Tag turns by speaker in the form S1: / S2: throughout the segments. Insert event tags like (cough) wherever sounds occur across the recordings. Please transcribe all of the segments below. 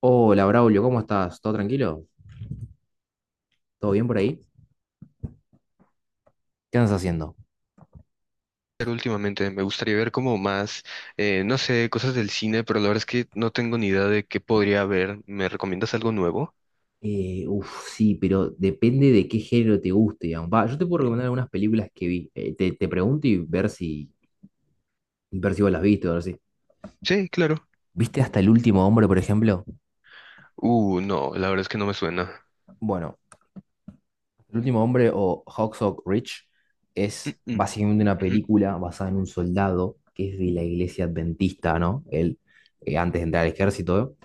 S1: Hola, Braulio, ¿cómo estás? ¿Todo tranquilo? ¿Todo bien por ahí? ¿Qué andas haciendo?
S2: ¿Ver últimamente? Me gustaría ver como más, no sé, cosas del cine, pero la verdad es que no tengo ni idea de qué podría ver. ¿Me recomiendas algo nuevo?
S1: Sí, pero depende de qué género te guste, digamos. Va, yo te puedo
S2: Mm.
S1: recomendar algunas películas que vi. Te pregunto y ver ver si vos las viste o algo así.
S2: Sí, claro.
S1: ¿Viste hasta el último hombre, por ejemplo?
S2: No, la verdad es que no me suena.
S1: Bueno. El último hombre o Hacksaw Ridge
S2: Mm,
S1: es
S2: mm,
S1: básicamente una
S2: ujú.
S1: película basada en un soldado que es de la iglesia adventista, ¿no? Antes de entrar al ejército.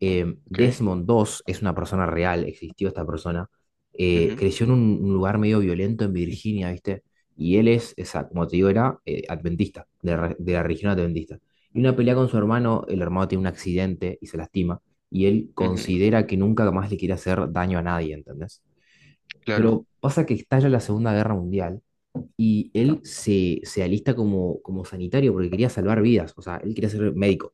S2: Ok.
S1: Desmond dos es una persona real, existió esta persona.
S2: Ujú,
S1: Creció en un lugar medio violento en Virginia, ¿viste? Y como te digo, era adventista, la de la religión adventista. Y una pelea con su hermano, el hermano tiene un accidente y se lastima, y él
S2: ujú.
S1: considera que nunca más le quiere hacer daño a nadie, ¿entendés?
S2: Claro.
S1: Pero pasa que estalla la Segunda Guerra Mundial y él se alista como sanitario porque quería salvar vidas, o sea, él quería ser médico.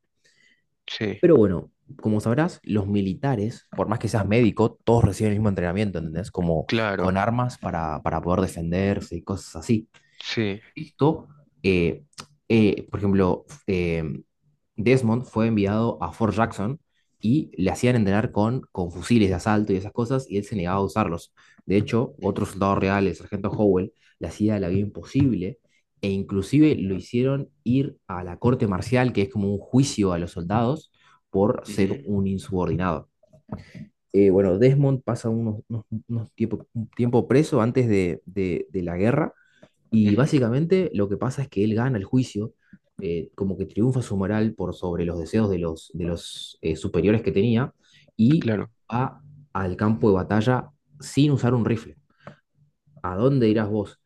S2: Sí,
S1: Pero bueno, como sabrás, los militares, por más que seas médico, todos reciben el mismo entrenamiento, ¿entendés? Como con
S2: claro.
S1: armas para poder defenderse y cosas así.
S2: Sí.
S1: Esto, eh, por ejemplo, Desmond fue enviado a Fort Jackson y le hacían entrenar con fusiles de asalto y esas cosas, y él se negaba a usarlos. De hecho, otro
S2: Ujú,
S1: soldado real, el sargento Howell, le hacía la vida imposible, e inclusive lo hicieron ir a la corte marcial, que es como un juicio a los soldados, por ser
S2: ujú,
S1: un insubordinado. Bueno, Desmond pasa un tiempo preso antes de la guerra y
S2: ujú.
S1: básicamente lo que pasa es que él gana el juicio, como que triunfa su moral por sobre los deseos de los superiores que tenía y
S2: Claro.
S1: va al campo de batalla sin usar un rifle. ¿A dónde irás vos?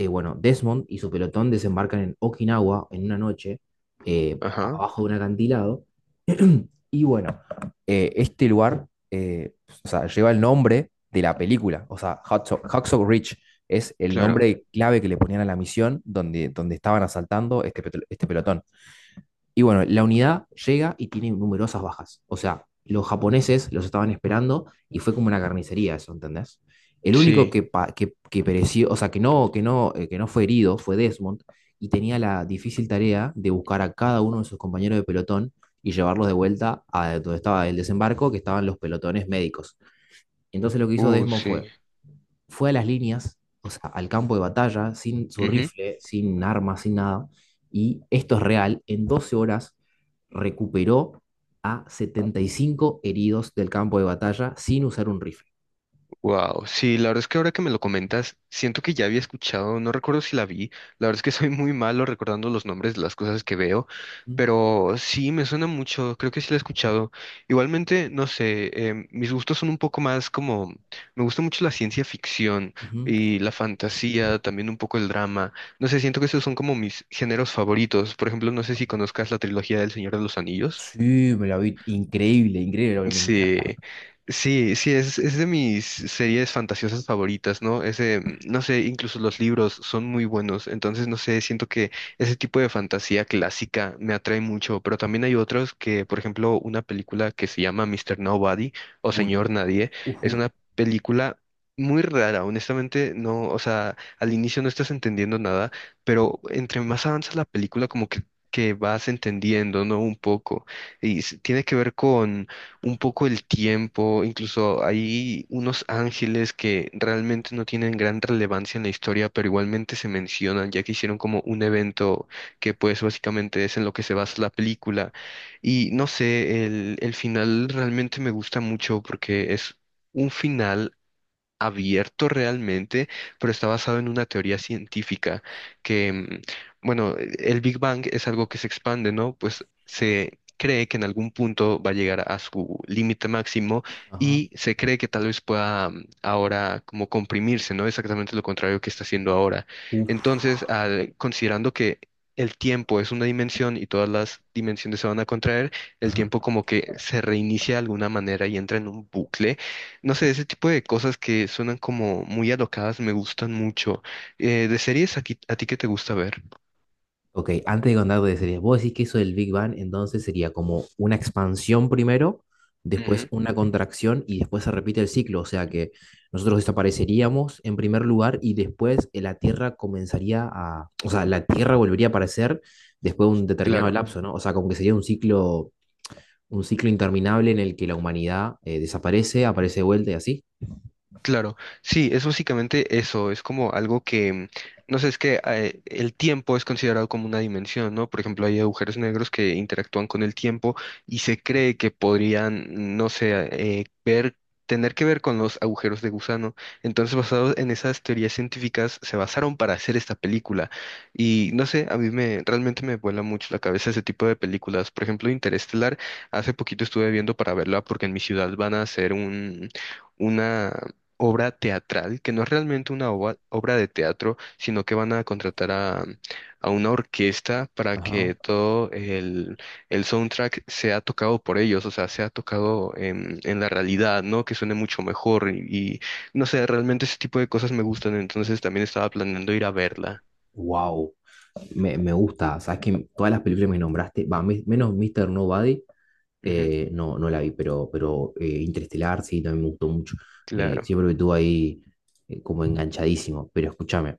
S1: Bueno, Desmond y su pelotón desembarcan en Okinawa en una noche,
S2: Ajá.
S1: abajo de un acantilado. (clears throat) Y bueno, este lugar, o sea, lleva el nombre de la película, o sea, Hacksaw Ridge es el
S2: Claro.
S1: nombre clave que le ponían a la misión donde estaban asaltando este pelotón. Y bueno, la unidad llega y tiene numerosas bajas. O sea, los japoneses los estaban esperando y fue como una carnicería eso, ¿entendés? El único
S2: Sí.
S1: que pereció, o sea, que no fue herido fue Desmond y tenía la difícil tarea de buscar a cada uno de sus compañeros de pelotón y llevarlos de vuelta a donde estaba el desembarco, que estaban los pelotones médicos. Entonces lo que hizo Desmond
S2: Sí.
S1: fue a las líneas, o sea, al campo de batalla, sin su rifle, sin armas, sin nada. Y esto es real, en 12 horas recuperó a 75 heridos del campo de batalla sin usar un rifle.
S2: Wow, sí, la verdad es que ahora que me lo comentas, siento que ya había escuchado, no recuerdo si la vi, la verdad es que soy muy malo recordando los nombres de las cosas que veo, pero sí, me suena mucho, creo que sí la he escuchado. Igualmente, no sé, mis gustos son un poco más como, me gusta mucho la ciencia ficción
S1: Ujú.
S2: y la fantasía, también un poco el drama, no sé, siento que esos son como mis géneros favoritos, por ejemplo, no sé si conozcas la trilogía del Señor de los Anillos.
S1: Sí, me la vi increíble, increíble, me
S2: Sí,
S1: encanta.
S2: sí, sí, es de mis series fantasiosas favoritas, ¿no? Ese, no sé, incluso los libros son muy buenos, entonces no sé, siento que ese tipo de fantasía clásica me atrae mucho, pero también hay otros que, por ejemplo, una película que se llama Mister Nobody o
S1: Un-
S2: Señor Nadie, es
S1: Ujú,
S2: una película muy rara, honestamente, no, o sea, al inicio no estás entendiendo nada, pero entre más avanza la película, como que vas entendiendo, ¿no? Un poco. Y tiene que ver con un poco el tiempo, incluso hay unos ángeles que realmente no tienen gran relevancia en la historia, pero igualmente se mencionan, ya que hicieron como un evento que pues básicamente es en lo que se basa la película. Y no sé, el final realmente me gusta mucho porque es un final abierto realmente, pero está basado en una teoría científica que, bueno, el Big Bang es algo que se expande, ¿no? Pues
S1: ajá,
S2: se cree que en algún punto va a llegar a su límite máximo
S1: ajá,
S2: y se cree que tal vez pueda ahora como comprimirse, ¿no? Exactamente lo contrario que está haciendo ahora.
S1: uf,
S2: Entonces, considerando que el tiempo es una dimensión y todas las dimensiones se van a contraer, el
S1: ajá.
S2: tiempo como que se reinicia de alguna manera y entra en un bucle. No sé, ese tipo de cosas que suenan como muy alocadas me gustan mucho. De series, ¿ a ti qué te gusta ver?
S1: Ok, antes de contar de series, vos decís que eso del Big Bang entonces sería como una expansión primero, después
S2: Ujú.
S1: una contracción y después se repite el ciclo. O sea que nosotros desapareceríamos en primer lugar y después la Tierra comenzaría a. O sea, la Tierra volvería a aparecer después de un determinado
S2: Claro.
S1: lapso, ¿no? O sea, como que sería un ciclo interminable en el que la humanidad desaparece, aparece de vuelta y así.
S2: Claro, sí, es básicamente eso, es como algo que, no sé, es que el tiempo es considerado como una dimensión, ¿no? Por ejemplo, hay agujeros negros que interactúan con el tiempo y se cree que podrían, no sé, ver, tener que ver con los agujeros de gusano. Entonces, basados en esas teorías científicas, se basaron para hacer esta película. Y no sé, a mí me, realmente me vuela mucho la cabeza ese tipo de películas. Por ejemplo, Interestelar, hace poquito estuve viendo para verla porque en mi ciudad van a hacer un una obra teatral, que no es realmente una obra de teatro, sino que van a contratar a una orquesta para
S1: Ajá.
S2: que todo el soundtrack sea tocado por ellos, o sea, sea tocado en la realidad, ¿no? Que suene mucho mejor y, y, no sé, realmente ese tipo de cosas me gustan, entonces también estaba planeando ir a verla.
S1: Wow, me gusta. Sabes que todas las películas que me nombraste, va, menos Mr. Nobody.
S2: Ujú,
S1: No la vi, pero, pero Interestelar sí, también me gustó mucho.
S2: claro.
S1: Siempre me tuvo ahí como enganchadísimo. Pero escúchame,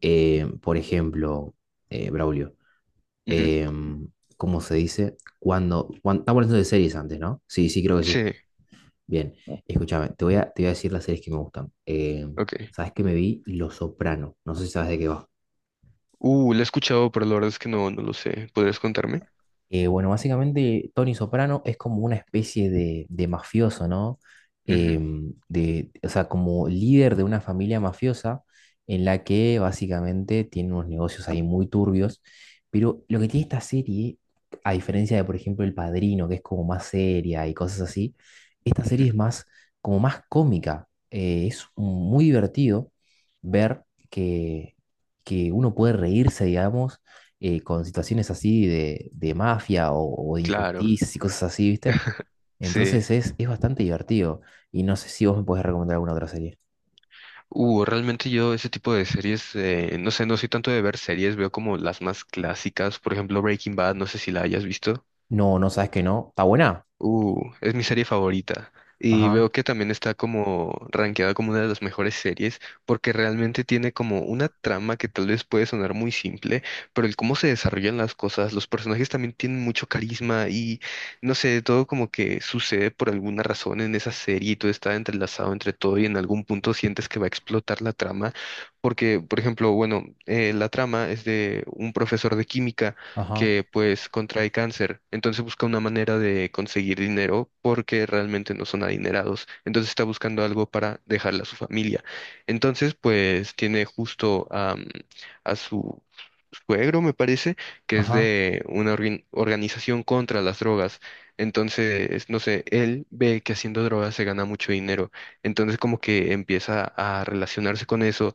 S1: por ejemplo, Braulio,
S2: Ujú.
S1: em, ¿cómo se dice? Estamos hablando de series antes, ¿no? Sí, sí, creo que sí.
S2: Sí,
S1: Bien, escúchame, te voy a decir las series que me gustan.
S2: ok.
S1: ¿Sabes qué me vi? Los Soprano. No sé si sabes de qué va.
S2: La he escuchado, pero la verdad es que no, no lo sé. ¿Podrías contarme?
S1: Bueno, básicamente Tony Soprano es como una especie de mafioso, ¿no?
S2: Ujú,
S1: O sea, como líder de una familia mafiosa en la que básicamente tiene unos negocios ahí muy turbios, pero lo que tiene esta serie, a diferencia de, por ejemplo, El Padrino, que es como más seria y cosas así, esta serie es
S2: ujú.
S1: más, como más cómica. Es muy divertido ver que, que uno puede reírse, digamos con situaciones así de mafia o de
S2: Claro,
S1: injusticias y cosas así, ¿viste? Entonces
S2: sí.
S1: es bastante divertido. Y no sé si vos me podés recomendar alguna otra serie.
S2: Realmente yo ese tipo de series, no sé, no soy tanto de ver series, veo como las más clásicas, por ejemplo Breaking Bad, no sé si la hayas visto.
S1: No, no sabes que no. Está buena.
S2: Es mi serie favorita. Y
S1: Ajá,
S2: veo que también está como rankeada como una de las mejores series, porque realmente tiene como una trama que tal vez puede sonar muy simple, pero el cómo se desarrollan las cosas, los personajes también tienen mucho carisma y no sé, todo como que sucede por alguna razón en esa serie y todo está entrelazado entre todo y en algún punto sientes que va a explotar la trama, porque, por ejemplo, bueno, la trama es de un profesor de química
S1: ajá,
S2: que pues contrae cáncer. Entonces busca una manera de conseguir dinero porque realmente no son adinerados. Entonces está buscando algo para dejarle a su familia. Entonces pues tiene justo a su suegro, me parece, que es
S1: ajá.
S2: de una organización contra las drogas. Entonces, no sé, él ve que haciendo drogas se gana mucho dinero. Entonces como que empieza a relacionarse con eso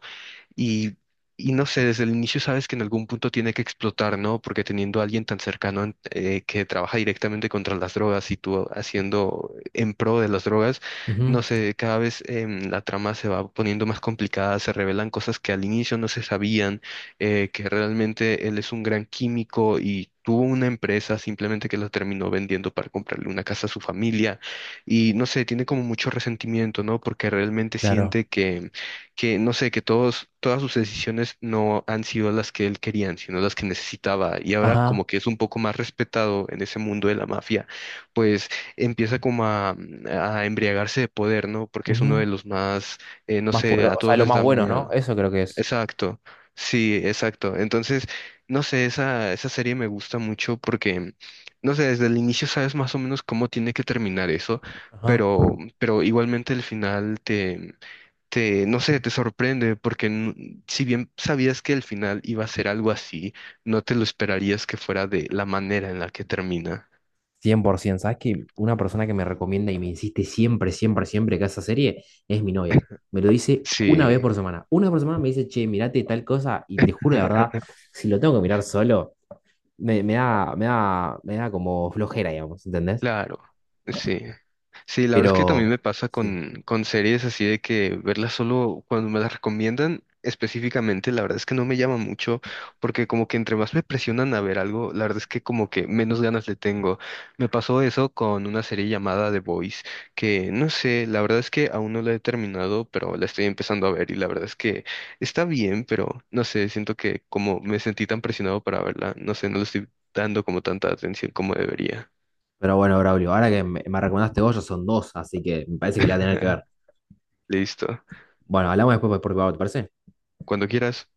S2: y, no sé, desde el inicio sabes que en algún punto tiene que explotar, ¿no? Porque teniendo a alguien tan cercano que trabaja directamente contra las drogas y tú haciendo en pro de las drogas,
S1: Ujú,
S2: no sé, cada vez la trama se va poniendo más complicada, se revelan cosas que al inicio no se sabían, que realmente él es un gran químico y... Tuvo una empresa simplemente que lo terminó vendiendo para comprarle una casa a su familia y no sé, tiene como mucho resentimiento, ¿no? Porque realmente
S1: claro.
S2: siente que no sé, que todos, todas sus decisiones no han sido las que él quería, sino las que necesitaba. Y ahora
S1: Ajá,
S2: como que es un poco más respetado en ese mundo de la mafia, pues empieza como a embriagarse de poder, ¿no? Porque es uno de
S1: ujú.
S2: los más, no
S1: Más
S2: sé,
S1: poderoso.
S2: a
S1: O sea,
S2: todos
S1: lo
S2: les
S1: más
S2: da
S1: bueno, ¿no?
S2: miedo.
S1: Eso creo que es.
S2: Exacto, sí, exacto. Entonces, no sé, esa serie me gusta mucho porque, no sé, desde el inicio sabes más o menos cómo tiene que terminar eso,
S1: Ajá.
S2: pero igualmente el final te, no sé, te sorprende porque si bien sabías que el final iba a ser algo así, no te lo esperarías que fuera de la manera en la que termina.
S1: 100%. ¿Sabes que una persona que me recomienda y me insiste siempre, siempre, siempre que esa serie es mi novia? Me lo dice una vez
S2: Sí.
S1: por semana. Una vez por semana me dice, che, mirate tal cosa y te juro de verdad,
S2: (laughs)
S1: si lo tengo que mirar solo, me da como flojera, digamos, ¿entendés?
S2: Claro, sí. Sí, la verdad es que también
S1: Pero,
S2: me pasa
S1: sí.
S2: con series así de que verlas solo cuando me las recomiendan específicamente, la verdad es que no me llama mucho, porque como que entre más me presionan a ver algo, la verdad es que como que menos ganas le tengo. Me pasó eso con una serie llamada The Boys, que no sé, la verdad es que aún no la he terminado, pero la estoy empezando a ver y la verdad es que está bien, pero no sé, siento que como me sentí tan presionado para verla, no sé, no le estoy dando como tanta atención como debería.
S1: Pero bueno, Braulio, ahora que me recomendaste vos, ya son dos, así que me parece que la voy a tener que ver.
S2: (laughs) Listo.
S1: Bueno, hablamos después por privado, ¿te parece?
S2: Cuando quieras.